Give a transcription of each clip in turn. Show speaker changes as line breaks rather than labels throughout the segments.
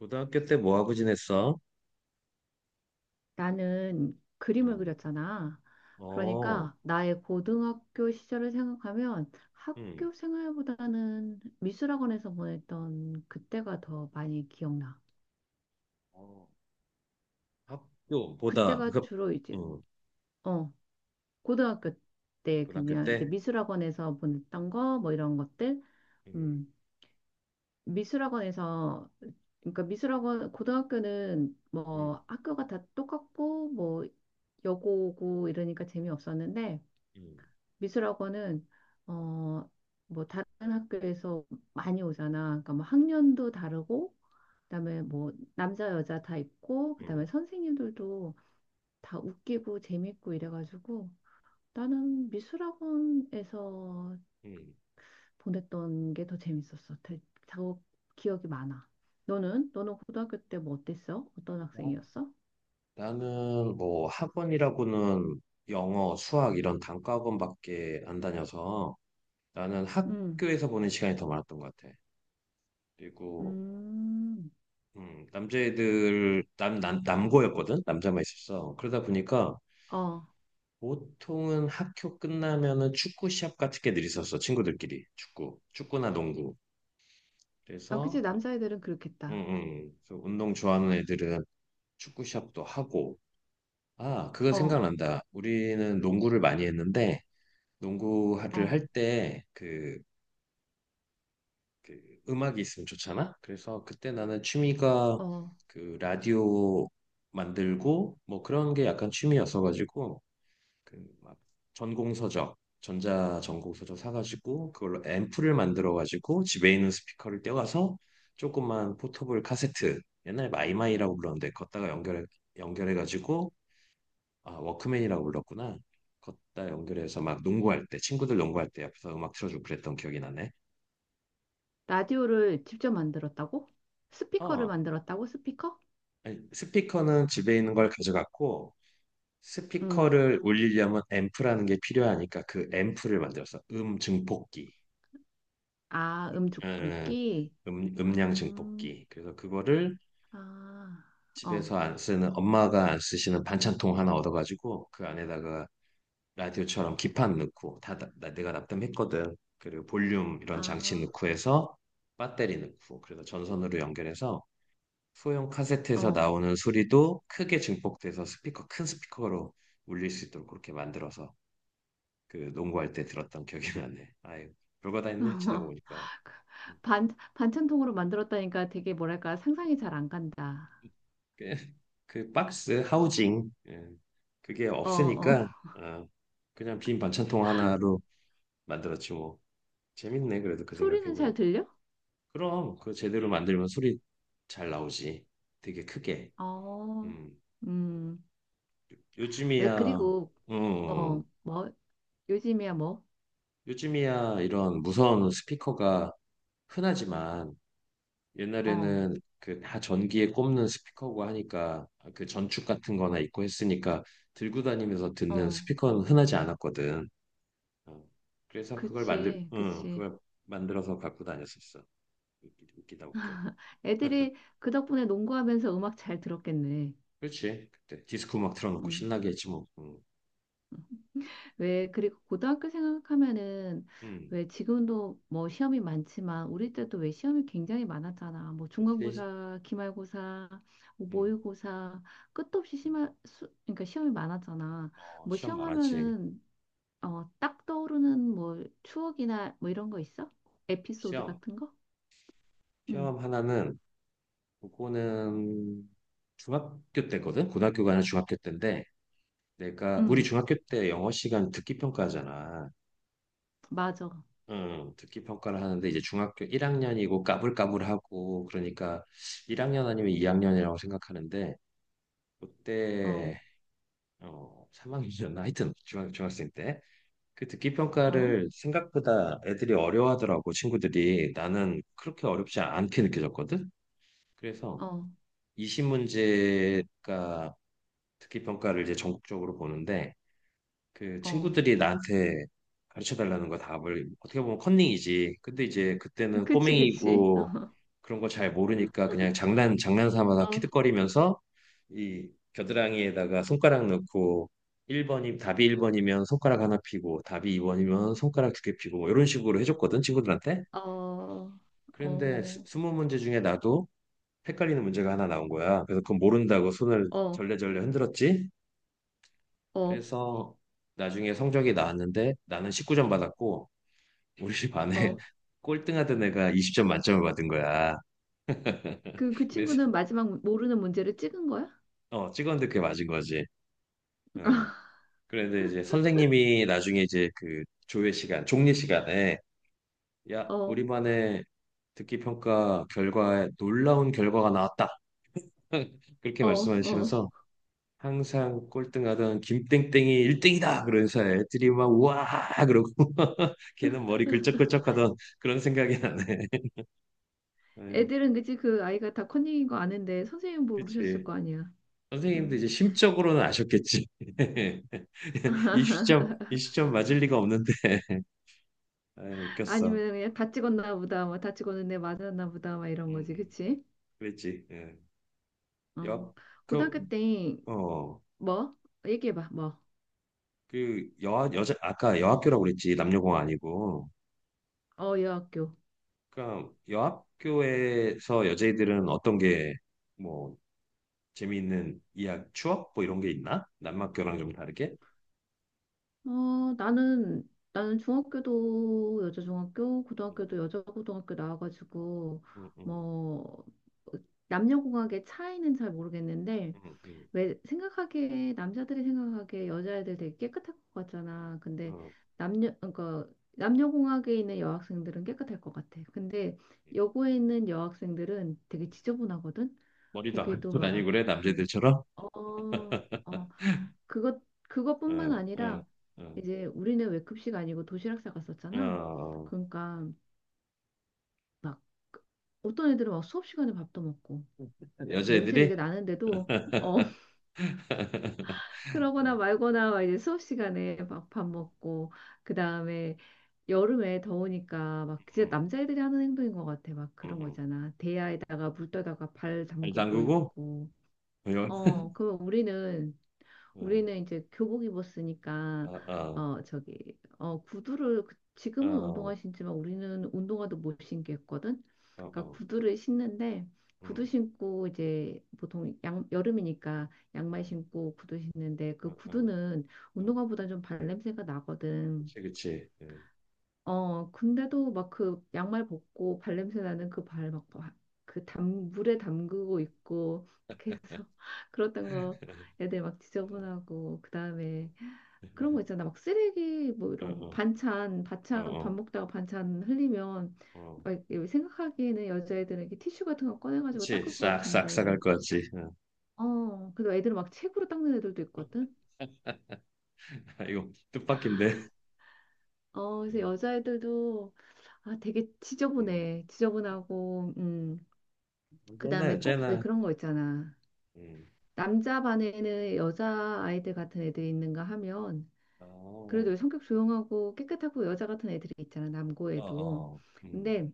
고등학교 때 뭐하고 지냈어?
나는 그림을
음.
그렸잖아.
어.
그러니까 나의 고등학교 시절을 생각하면
음.
학교 생활보다는 미술학원에서 보냈던 그때가 더 많이 기억나.
어. 학교보다,
그때가
그.
주로 이제
음.
어 고등학교 때
고등학교
그냥 이제
때?
미술학원에서 보냈던 거 뭐 이런 것들.
음.
음 미술학원에서 그러니까 미술학원 고등학교는
음.
뭐 학교가 다 똑같고 뭐 여고고 이러니까 재미없었는데
음.
미술학원은 어 뭐 다른 학교에서 많이 오잖아. 그러니까 뭐 학년도 다르고 그다음에 뭐 남자 여자 다 있고 그다음에
음.
선생님들도 다 웃기고 재밌고 이래가지고 나는 미술학원에서
음.
보냈던 게 더 재밌었어. 더 기억이 많아. 너는 고등학교 때 뭐 어땠어? 어떤
나-
학생이었어?
나는 뭐 학원이라고는 영어, 수학 이런 단과 학원밖에 안 다녀서 나는
음.
학교에서 보낸 시간이 더 많았던 것 같아. 그리고
음.
남자애들, 남, 남 남고였거든. 남자만 있었어. 그러다 보니까
어.
보통은 학교 끝나면은 축구 시합 같은 게 늘 있었어. 친구들끼리. 축구. 축구나 농구.
아, 그치.
그래서. 응,
남자애들은
응.
그렇겠다.
응. 그래서 운동 좋아하는 애들은 축구 시합도 하고. 아, 그거
어.
생각난다. 우리는 농구를 많이 했는데, 농구를
어.
할 때, 그, 그 음악이 있으면 좋잖아? 그래서 그때 나는 취미가
어.
그 라디오 만들고, 뭐 그런 게 약간 취미였어가지고, 그 막 전공서적 전자 전공서적 사가지고 그걸로 앰프를 만들어가지고 집에 있는 스피커를 떼와서 조그만 포터블 카세트, 옛날에 마이마이라고 불렀는데, 걷다가 연결해가지고, 아 워크맨이라고 불렀구나. 걷다 연결해서 막 농구할 때, 친구들 농구할 때 옆에서 음악 틀어주고 그랬던 기억이 나네.
라디오를 직접 만들었다고? 스피커를
어.
만들었다고? 스피커?
아니, 스피커는
스,
집에 있는 걸 가져갔고
음.
스피커를 올리려면 앰프라는 게 필요하니까 그 앰프를 만들었어. 증폭기.
아, 음축
음,
뽑기?
음량
음,
증폭기. 그래서 그거를
아, 어,
집에서 안 쓰는, 엄마가 안 쓰시는 반찬통 하나 얻어가지고 그 안에다가 라디오처럼 기판 넣고 다 내가 납땜했거든. 그리고 볼륨 이런 장치
아,
넣고 해서 배터리 넣고, 그래서 전선으로 연결해서 소형 카세트에서
어.
나오는 소리도 크게 증폭돼서 스피커, 큰 스피커로 울릴 수 있도록 그렇게 만들어서 그 농구할 때 들었던 기억이 나네. 아유, 별거 다 했네 지나고 보니까.
반, 반찬통으로 만들었다니까 되게 뭐랄까 상상이 잘 안 간다.
그, 그 박스 하우징, 예, 그게
어, 어.
없으니까 아, 그냥 빈 반찬통 하나로 만들었지 뭐. 재밌네 그래도 그
소리는 잘
생각해보니까.
들려?
그럼 그 제대로 만들면 소리 잘 나오지. 되게 크게.
어,
음.
음. 왜
요즘이야.
그리고, 어,
음.
뭐, 요즘이야 뭐?
요즘이야 이런 무선 스피커가 흔하지만
어,
옛날에는 그 다 전기에 꼽는 스피커고 하니까 그 전축 같은 거나 있고 했으니까 들고 다니면서 듣는
어.
스피커는 흔하지 않았거든. 어. 그래서
그치,
응,
그치.
그걸 만들어서 갖고 다녔었어. 웃기다 웃겨.
애들이 그 덕분에 농구하면서 음악 잘 들었겠네.
그렇지. 그때 디스코 막 틀어놓고
음.
신나게 했지 뭐. 응.
음. 왜, 그리고 고등학교 생각하면은
응.
왜 지금도 뭐 시험이 많지만 우리 때도 왜 시험이 굉장히 많았잖아. 뭐
그렇지.
중간고사, 기말고사, 뭐
응.
모의고사, 끝도 없이 심할 수, 그러니까 시험이 많았잖아.
어,
뭐
시험 많았지.
시험하면은 딱 떠오르는 뭐 추억이나 뭐 이런 거 있어? 에피소드
시험.
같은 거? 응,
시험 하나는 그거는 중학교 때거든. 고등학교가 아니라 중학교 때인데 내가 우리
응,
중학교 때 영어 시간 듣기 평가잖아.
맞아.
응, 듣기 평가를 하는데 이제 중학교 1학년이고 까불까불하고 그러니까 1학년 아니면 2학년이라고 생각하는데,
어,
그때 삼학년이었나. 하여튼 중학생 때 그 듣기
어,
평가를 생각보다 애들이 어려워하더라고. 친구들이. 나는 그렇게 어렵지 않게 느껴졌거든. 그래서
어,
20문제가, 듣기 평가를 이제 전국적으로 보는데 그
어.
친구들이 나한테 가르쳐 달라는 거. 답을. 어떻게 보면 컨닝이지. 근데 이제 그때는
그치, 그치.
꼬맹이고 그런 거 잘 모르니까 그냥 장난 삼아서
어,
키득거리면서 이 겨드랑이에다가 손가락 넣고 1번이, 답이 1번이면 손가락 하나 피고, 답이 2번이면 손가락 두 개 피고, 뭐 이런 식으로 해줬거든 친구들한테.
어,
그런데
어,
스무 문제 중에 나도 헷갈리는 문제가 하나 나온 거야. 그래서 그건 모른다고 손을
어,
절레절레 흔들었지.
어,
그래서 나중에 성적이 나왔는데 나는 19점 받았고, 우리 집 안에
어.
꼴등하던 애가 20점 만점을 받은 거야.
그, 그
그래서
친구는 마지막 모르는 문제를 찍은 거야?
찍었는데 그게 맞은 거지. 어. 그런데 이제 선생님이 나중에 이제 그 조회 시간, 종례 시간에, 야,
어,
우리만의 듣기 평가 결과에 놀라운 결과가 나왔다. 그렇게
어, 어.
말씀하시면서 항상 꼴등하던 김땡땡이 1등이다. 그러면서 애들이 막 우와 그러고 걔는 머리 글쩍글쩍하던, 그런 생각이 나네. 에,
애들은 그치 그 아이가 다 컨닝인 거 아는데 선생님 모르셨을
그치.
거 아니야.
선생님도
음.
이제 심적으로는 아셨겠지. 이 시점, 이 시점 맞을 리가 없는데. 에, 웃겼어.
아니면 그냥 다 찍었나 보다, 뭐 다 찍었는데 맞았나 보다, 막 이런
음.
거지,
음.
그치?
그랬지. 예.
어.
여, 그,
고등학교 때
어,
뭐? 얘기해봐, 뭐?
그, 여, 여자, 아까 여학교라고 그랬지. 남녀공 아니고.
어, 여학교.
그러니까 여학교에서 여자애들은 어떤 게, 뭐, 재미있는 이야기, 추억? 뭐 이런 게 있나? 남학교랑 좀 다르게?
어, 나는, 나는 중학교도 여자 중학교,
응,
고등학교도 여자 고등학교 나와가지고,
응, 응,
뭐, 남녀공학의 차이는 잘 모르겠는데,
응, 응,
왜 생각하기에, 남자들이 생각하기에 여자애들 되게 깨끗할 것 같잖아.
응.
근데
어,
남녀, 그러니까 남녀공학에 있는 여학생들은 깨끗할 것 같아. 근데
응.
여고에 있는 여학생들은 되게 지저분하거든?
머리도 안
거기도
감고 다니고
막
그래,
그,
남자애들처럼?
어, 어, 그것 그것뿐만
응, 응,
아니라
응,
이제 우리는 왜 급식 아니고 도시락
어,
싸갔었잖아.
어.
그러니까 막 어떤 애들은 막 수업 시간에 밥도 먹고 그 냄새 되게
여자애들이?
나는데도 어 그러거나
응,
말거나 막 이제 수업 시간에 막 밥 먹고 그 다음에 여름에 더우니까 막 진짜 남자애들이 하는 행동인 것 같아. 막
응,
그런
응.
거잖아. 대야에다가 물 떠다가 발
발
담그고
담그고?
있고. 어, 그럼 우리는
어,
우리는 이제 교복 입었으니까
아, 아.
저기 구두를 지금은
어,
운동화 신지만 우리는 운동화도 못 신겠거든.
어,
그러니까
어,
구두를 신는데 구두
음,
신고 이제 보통 양, 여름이니까
어,
양말 신고 구두 신는데 그
어, 어,
구두는
어.
운동화보다 좀 발냄새가 나거든.
그치, 그치.
어, 근데도 막 그 양말 벗고 발냄새 나는 그 발 막 그 담, 물에 담그고 있고 그래서 그랬던 거 애들 막
음.
지저분하고 그다음에 그런 거 있잖아. 막 쓰레기 뭐
어,
이런
어,
반찬,
어,
반찬
어,
밥 먹다가 반찬 흘리면
어.
막 이렇게 생각하기에는 여자애들은 이렇게 티슈 같은 거 꺼내가지고
그치,
닦을 것
싹, 싹, 싹할
같은데
것 같지. 어.
어, 그래도 애들은 막 책으로 닦는 애들도 있거든.
아, 이거 뜻밖인데.
어, 그래서
음,
여자애들도 아, 되게
음.
지저분해. 지저분하고,
언제나,
그다음에 꼭 왜
언제나.
그런 거 있잖아.
음.
남자 반에는 여자 아이들 같은 애들이 있는가 하면
어,
그래도 성격 조용하고 깨끗하고 여자 같은 애들이 있잖아.
어,
남고에도.
어,
근데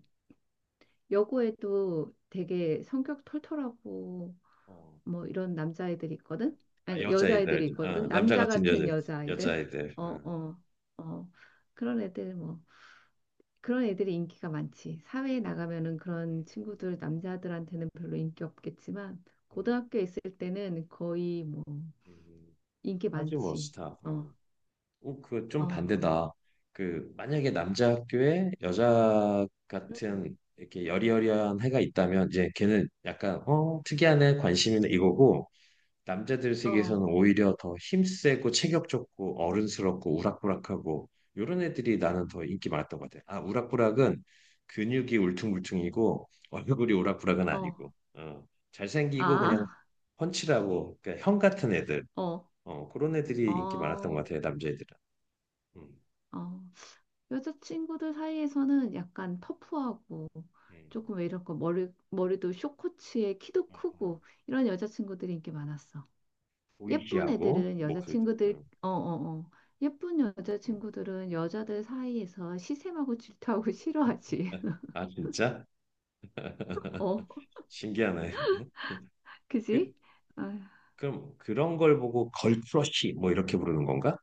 여고에도 되게 성격 털털하고
어.
뭐 이런 남자애들이 있거든.
아,
아니
여자애들.
여자애들이
어,
있거든.
남자
남자
같은 여자,
같은 여자아이들.
여자애들.
어,
어.
어, 어. 그런 애들 뭐 그런 애들이 인기가 많지. 사회에
음,
나가면은 그런
음,
친구들 남자들한테는 별로 인기 없겠지만
음,
고등학교에 있을 때는 거의 뭐
음.
인기
하지 뭐,
많지.
스타.
어, 어,
어. 어, 그좀
어,
반대다. 그 만약에 남자 학교에 여자
음,
같은 이렇게 여리여리한 애가 있다면 이제 걔는 약간 특이한 애 관심이네 이거고, 남자들
어,
세계에서는 오히려 더 힘세고 체격 좋고 어른스럽고 우락부락하고 요런 애들이 나는 더 인기 많았던 것 같아. 아, 우락부락은 근육이 울퉁불퉁이고 얼굴이 우락부락은
어,
아니고, 어, 잘생기고 그냥
아,
펀치라고 그러니까 형 같은 애들,
어,
그런 애들이 인기 많았던 것
어,
같아 남자애들은. 음.
어. 여자친구들 사이에서는 약간 터프하고
음,
조금 왜 이럴까 머리도 숏코츠에 키도
음, 음.
크고 이런 여자친구들이 인기 많았어. 예쁜
보이시하고
애들은
목소리도.
여자친구들, 어, 어, 어. 예쁜
음.
여자친구들은 여자들 사이에서 시샘하고 질투하고 싫어하지.
아 진짜
어,
신기하네. 그.
그지? 아,
그럼 그런 걸 보고 걸크러쉬 뭐 이렇게 부르는 건가?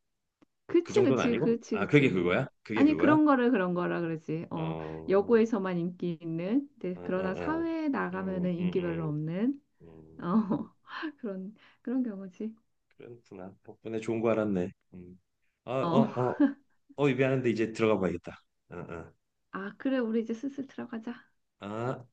그
그치,
정도는
그치,
아니고?
그치,
아 그게
그치.
그거야? 그게
아니,
그거야?
그런 거를 그런 거라 그러지.
어,
어,
어,
여고에서만 인기 있는, 근데
어,
그러나
어.
사회에
음,
나가면은
음,
인기 별로
음,
없는,
음.
어, 그런, 그런 경우지.
그렇구나. 덕분에 좋은 거 알았네. 음. 아, 어,
어,
어, 어, 입에 하는데 이제 들어가 봐야겠다. 어, 어.
아, 그래, 우리 이제 슬슬 들어가자.
아,